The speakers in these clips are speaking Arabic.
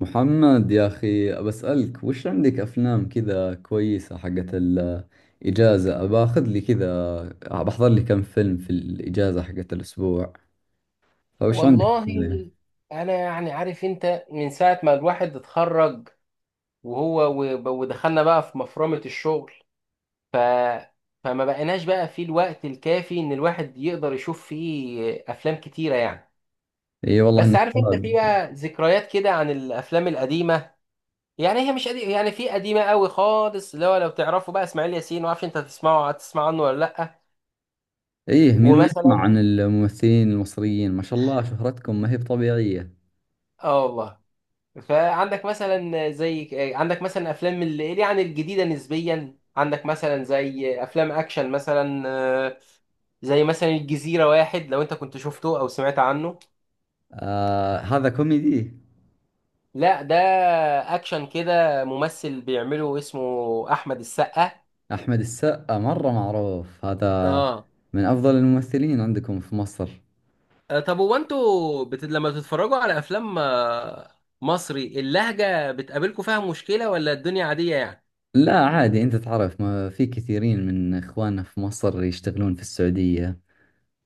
محمد يا أخي بسألك وش عندك أفلام كذا كويسة حقت الإجازة؟ باخذ لي كذا، بحضر لي كم فيلم في الإجازة حقت الأسبوع. فوش عندك والله، أفلام؟ انا يعني عارف انت من ساعه ما الواحد اتخرج وهو ودخلنا بقى في مفرمه الشغل. ف فما بقيناش بقى في الوقت الكافي ان الواحد يقدر يشوف فيه افلام كتيره يعني. إي والله بس إنك عارف انت، في شاب. بقى ذكريات كده عن الافلام القديمه. يعني هي مش قديمه، يعني في قديمه قوي خالص، اللي هو لو تعرفوا بقى اسماعيل ياسين، ما اعرفش انت هتسمعه، هتسمع عنه ولا لا؟ إيه، مين ما يسمع ومثلا... عن الممثلين المصريين؟ ما شاء الله، شهرتكم ما هي بطبيعية. اه والله. فعندك مثلا زي عندك مثلا افلام اللي يعني الجديده نسبيا، عندك مثلا زي افلام اكشن مثلا، زي مثلا الجزيره، واحد لو انت كنت شفته او سمعت عنه. آه، هذا كوميدي. لا، ده اكشن كده، ممثل بيعمله اسمه احمد السقا. أحمد السقا مرة معروف هذا، اه. من أفضل الممثلين عندكم في مصر. طب هو انتوا لما بتتفرجوا على افلام مصري اللهجه، بتقابلكم فيها مشكله ولا الدنيا عاديه يعني؟ لا عادي، انت تعرف ما في كثيرين من اخواننا في مصر يشتغلون في السعودية،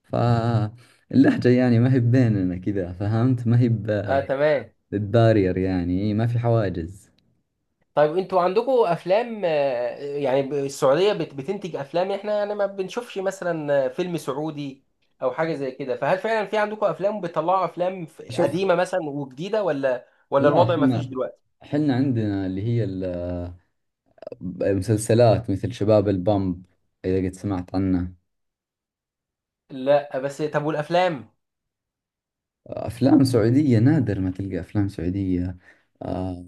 فاللهجة يعني ما هي بيننا كذا، فهمت؟ ما هي اه تمام. ببارير، يعني ما في حواجز. طيب انتوا عندكم افلام، يعني السعوديه بتنتج افلام؟ احنا يعني ما بنشوفش مثلا فيلم سعودي او حاجه زي كده، فهل فعلا في عندكم افلام، بتطلعوا افلام شوف، قديمه مثلا وجديده، ولا لا الوضع ما فيش حنا، دلوقتي؟ حنا عندنا مسلسلات مثل شباب البامب، إذا قد سمعت عنه. لا بس طب، والافلام؟ أفلام سعودية نادر ما تلقى أفلام سعودية. آه،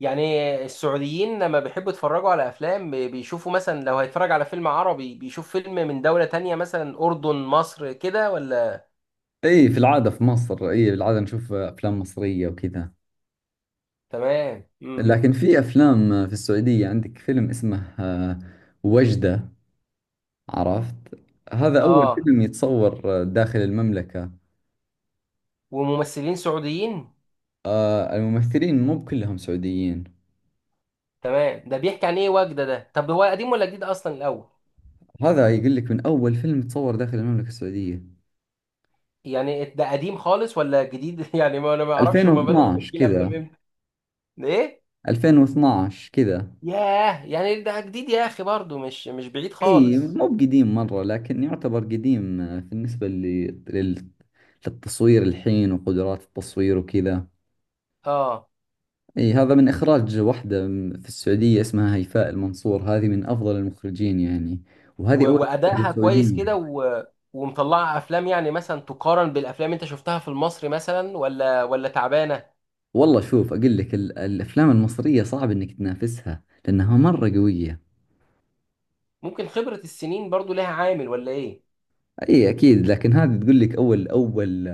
يعني السعوديين لما بيحبوا يتفرجوا على افلام بيشوفوا مثلا، لو هيتفرج على فيلم عربي بيشوف فيلم من دوله تانية، مثلا اردن، مصر كده، ولا؟ إي في العادة في مصر، إي في العادة نشوف أفلام مصرية وكذا. تمام لكن في افلام في السعوديه، عندك فيلم اسمه وجده، عرفت؟ هذا اول اه. فيلم يتصور داخل المملكه. وممثلين سعوديين. آه، الممثلين مو كلهم سعوديين. تمام، ده بيحكي عن ايه وجدة ده؟ طب هو قديم ولا جديد اصلا الاول؟ هذا يقول لك من اول فيلم تصور داخل المملكه السعوديه، يعني ده قديم خالص ولا جديد يعني، ما انا ما اعرفش هما بدأوا 2012 تمثيل افلام كذا. امتى. ده ايه؟ 2012 كذا. ياه، يعني ده جديد يا اخي، برضه مش بعيد اي خالص. مو بقديم مره، لكن يعتبر قديم بالنسبه للتصوير الحين وقدرات التصوير وكذا. اه، اي هذا من اخراج واحدة في السعودية، اسمها هيفاء المنصور، هذه من افضل المخرجين يعني. و... وهذه اول مخرجة وادائها كويس سعودية. كده. ومطلعه افلام يعني، مثلا تقارن بالافلام اللي انت شفتها في المصري مثلا، ولا تعبانه؟ والله شوف، اقول لك الافلام المصرية صعب انك تنافسها لانها مرة قوية. ممكن خبرة السنين برضو لها عامل ولا ايه؟ اي اكيد، لكن هذه تقول لك اول، اول،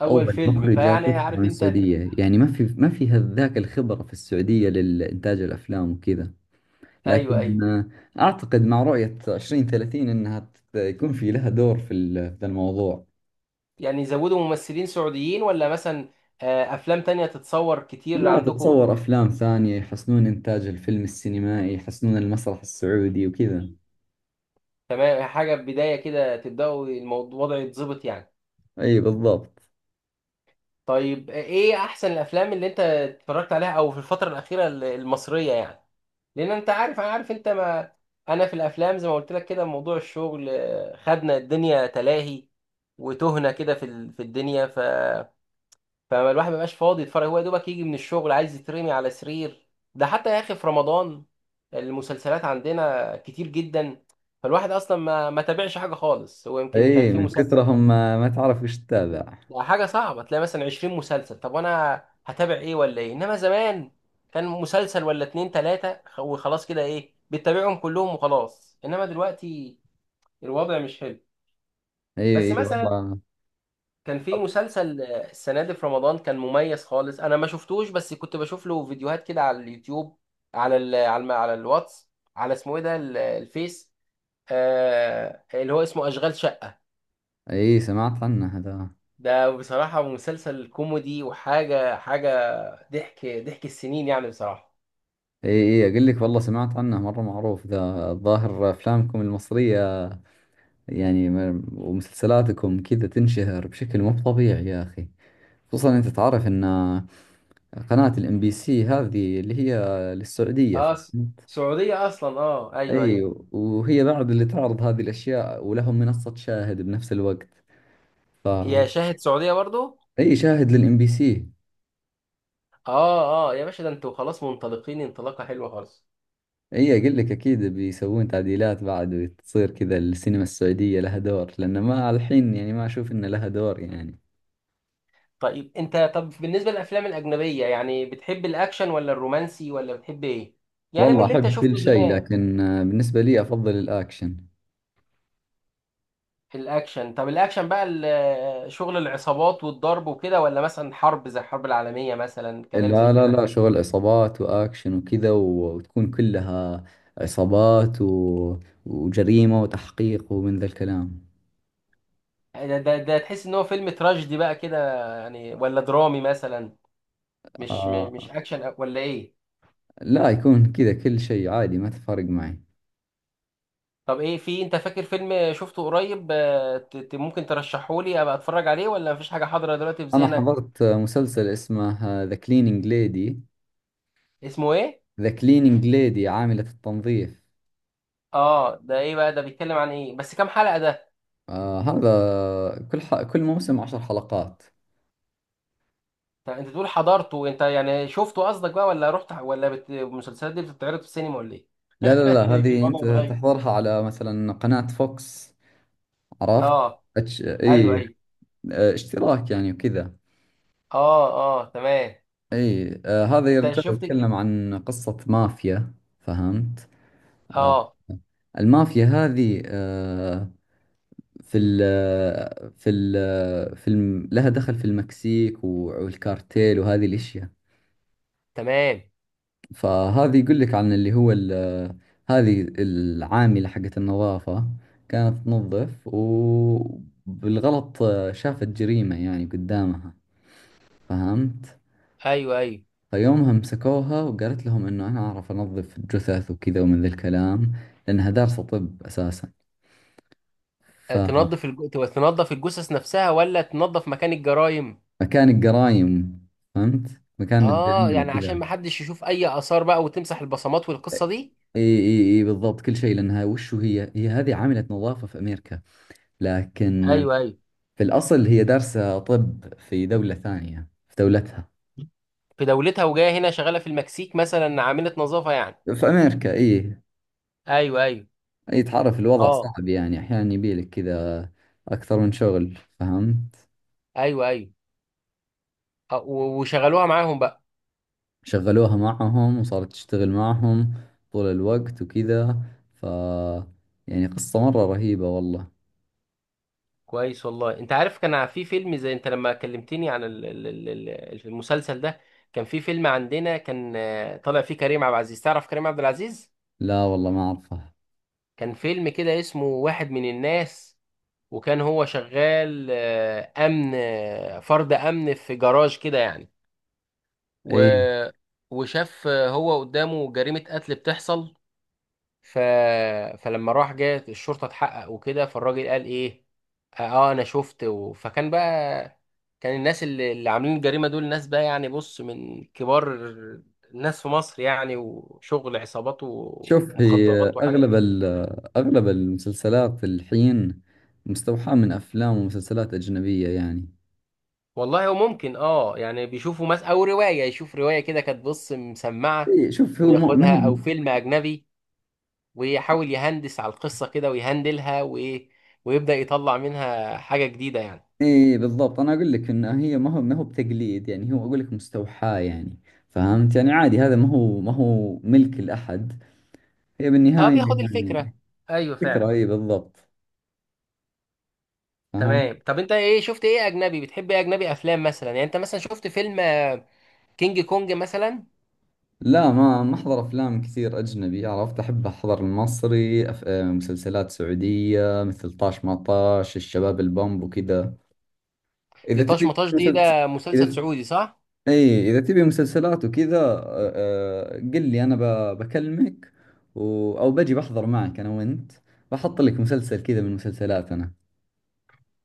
اول اول فيلم، مخرجة فيعني تطلع عارف من انت. السعودية، يعني ما في ذاك الخبرة في السعودية للانتاج الافلام وكذا. ايوه ايوه. لكن آه، اعتقد مع رؤية 2030 انها يكون في لها دور في في الموضوع. يعني يزودوا ممثلين سعوديين ولا مثلا افلام تانية تتصور كتير لا عندكم؟ تتصور أفلام ثانية، يحسنون إنتاج الفيلم السينمائي، يحسنون المسرح السعودي وكذا. تمام، حاجة بداية كده، تبدأوا الموضوع، الوضع يتظبط يعني. أي بالضبط. طيب ايه احسن الافلام اللي انت اتفرجت عليها او في الفترة الأخيرة المصرية يعني؟ لان انت عارف، انا عارف انت ما... انا في الافلام زي ما قلت لك كده، موضوع الشغل خدنا، الدنيا تلاهي وتهنا كده في في الدنيا، فالواحد ما بقاش فاضي يتفرج، هو يا دوبك يجي من الشغل عايز يترمي على سرير. ده حتى يا اخي في رمضان، المسلسلات عندنا كتير جدا، فالواحد اصلا ما تابعش حاجه خالص، هو يمكن كان أي في من مسلسل. كثرهم ما تعرف وش تتابع. ده حاجه صعبه، تلاقي مثلا 20 مسلسل، طب وانا هتابع ايه ولا ايه؟ انما زمان كان مسلسل ولا اتنين تلاته، وخلاص كده، ايه، بتتابعهم كلهم وخلاص، انما دلوقتي الوضع مش حلو. أي بس أي مثلا والله. كان في مسلسل السنة دي في رمضان، كان مميز خالص، أنا ما شفتوش بس كنت بشوف له فيديوهات كده على اليوتيوب، على الواتس، على، اسمه إيه ده الفيس، آه اللي هو اسمه أشغال شقة. أي سمعت عنه هذا. ده بصراحة مسلسل كوميدي، وحاجة حاجة، ضحك ضحك السنين يعني بصراحة. أي أي، أقول لك والله سمعت عنه، مرة معروف ذا، الظاهر أفلامكم المصرية يعني ومسلسلاتكم كذا تنشهر بشكل مو طبيعي يا أخي. خصوصا أنت تعرف أن قناة الإم بي سي هذه اللي هي للسعودية. اه، سعودية أصلا، اه أيوه أيوه. ايوه، وهي بعد اللي تعرض هذه الاشياء، ولهم منصة شاهد بنفس الوقت. ف هي شاهد سعودية برضو؟ اي شاهد للام بي سي. اه اه يا باشا، ده انتوا خلاص منطلقين انطلاقة حلوة خالص. اي اقول لك اكيد بيسوون تعديلات بعد وتصير كذا، السينما السعودية لها دور، لان ما الحين يعني ما اشوف ان لها دور يعني. طيب انت، طب بالنسبه للافلام الاجنبيه، يعني بتحب الاكشن ولا الرومانسي ولا بتحب ايه؟ يعني من والله اللي انت احب كل شفته شيء، زمان. لكن بالنسبة لي افضل الاكشن. في الاكشن، طب الاكشن بقى شغل العصابات والضرب وكده، ولا مثلا حرب زي الحرب العالميه مثلا، كلام زي لا لا كده؟ لا، شغل عصابات واكشن وكذا، وتكون كلها عصابات وجريمة وتحقيق ومن ذا الكلام. ده تحس ان هو فيلم تراجيدي بقى كده يعني، ولا درامي مثلا؟ مش آه. م- مش اكشن ولا ايه؟ لا يكون كذا كل شيء عادي، ما تفرق معي. طب ايه، في انت فاكر فيلم شفته قريب ممكن ترشحه لي ابقى اتفرج عليه، ولا مفيش حاجه حاضره دلوقتي في أنا ذهنك؟ حضرت مسلسل اسمه ذا كلينينج ليدي. اسمه ايه؟ ذا كلينينج ليدي، عاملة التنظيف. اه ده ايه بقى، ده بيتكلم عن ايه، بس كام حلقة ده؟ آه هذا كل موسم عشر حلقات. طب انت تقول حضرته انت، يعني شفته قصدك بقى ولا رحت، ولا المسلسلات دي بتتعرض في السينما ولا ايه؟ لا لا لا، إيه كده، هذه وضع أنت متغير. تحضرها على مثلا قناة فوكس، عرفت؟ اه ايوه إي ايوه. آه، اشتراك يعني وكذا. اه اه تمام. إي آه، هذا انت يرجع شفت. يتكلم عن قصة مافيا، فهمت؟ آه اه. المافيا هذه آه، في ال في ال في الم... لها دخل في المكسيك والكارتيل وهذه الاشياء. تمام. فهذه يقول لك عن هذه العاملة حقت النظافة كانت تنظف، وبالغلط شافت جريمة يعني قدامها، فهمت؟ ايوه ايوه. فيومها مسكوها وقالت لهم انه انا اعرف انظف جثث وكذا ومن ذا الكلام، لانها دارسة طب اساسا. فمكان تنظف تنظف الجثث نفسها ولا تنظف مكان الجرائم؟ الجرايم، فهمت؟ مكان اه، الجريمة يعني عشان وكذا. ما حدش يشوف اي اثار بقى، وتمسح البصمات والقصة دي. اي اي اي بالضبط، كل شيء، لانها وشو هي هذه عاملة نظافة في امريكا، لكن ايوه ايوه. في الاصل هي دارسة طب في دولة ثانية، في دولتها. في دولتها، وجايه هنا شغالة في المكسيك مثلا عاملة نظافة يعني؟ في امريكا اي. ايوه ايوه. اي تعرف الوضع اه. صعب يعني، احيانا يبيلك كذا اكثر من شغل، فهمت؟ ايوه ايوه. وشغلوها معاهم بقى. شغلوها معهم وصارت تشتغل معهم طول الوقت وكذا. ف يعني قصة مرة رهيبة والله. كويس والله. انت عارف، كان في فيلم زي، انت لما كلمتني عن المسلسل ده، كان في فيلم عندنا، كان طالع فيه كريم عبد العزيز، تعرف كريم عبد العزيز؟ لا والله ما اعرفها. كان فيلم كده اسمه واحد من الناس، وكان هو شغال امن، فرد امن في جراج كده يعني، و اي وشاف هو قدامه جريمة قتل بتحصل. ف... فلما راح، جت الشرطه اتحقق وكده، فالراجل قال ايه، اه انا شفت فكان بقى، كان الناس اللي عاملين الجريمه دول ناس بقى، يعني بص، من كبار الناس في مصر يعني، وشغل عصابات شوف، هي ومخدرات وحاجه. أغلب المسلسلات الحين مستوحاة من أفلام ومسلسلات أجنبية يعني. والله هو ممكن، اه يعني بيشوفوا مثلا او روايه، يشوف روايه كده كانت بص مسمعه إيه شوف، ما هي وياخدها، والله. او فيلم اجنبي، ويحاول يهندس على القصه كده ويهندلها وايه، ويبدا يطلع منها حاجه جديده يعني. إيه بالضبط، أنا أقول لك إن هي ما هو بتقليد يعني، هو أقول لك مستوحاة يعني، فهمت؟ يعني عادي، هذا ما هو ملك لأحد، هي اه، بالنهاية بياخد يعني الفكره، ايوه فكرة فعلا. إيه بالضبط، فهمت؟ تمام. طب انت ايه، شفت ايه اجنبي، بتحب ايه اجنبي، افلام مثلا يعني؟ انت مثلا شفت فيلم كينج كونج مثلا؟ لا ما أحضر أفلام كثير أجنبي، عرفت؟ أحب أحضر المصري، أف... آه، مسلسلات سعودية مثل طاش ما طاش، الشباب البومب وكذا. دي اذا طاش تبي مطاش دي، ده مسلس-، مسلسل اذا سعودي صح؟ اي اذا تبي مسلسلات وكذا، قل لي انا بكلمك او بجي بحضر معك انا وانت، بحط لك مسلسل كذا من مسلسلاتنا.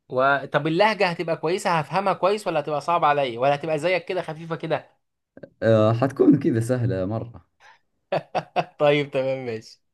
طب اللهجه هتبقى كويسه هفهمها كويس، ولا هتبقى صعبه عليا، ولا هتبقى زيك كده خفيفه كده؟ آه، حتكون كذا سهلة مرة. طيب تمام، ماشي.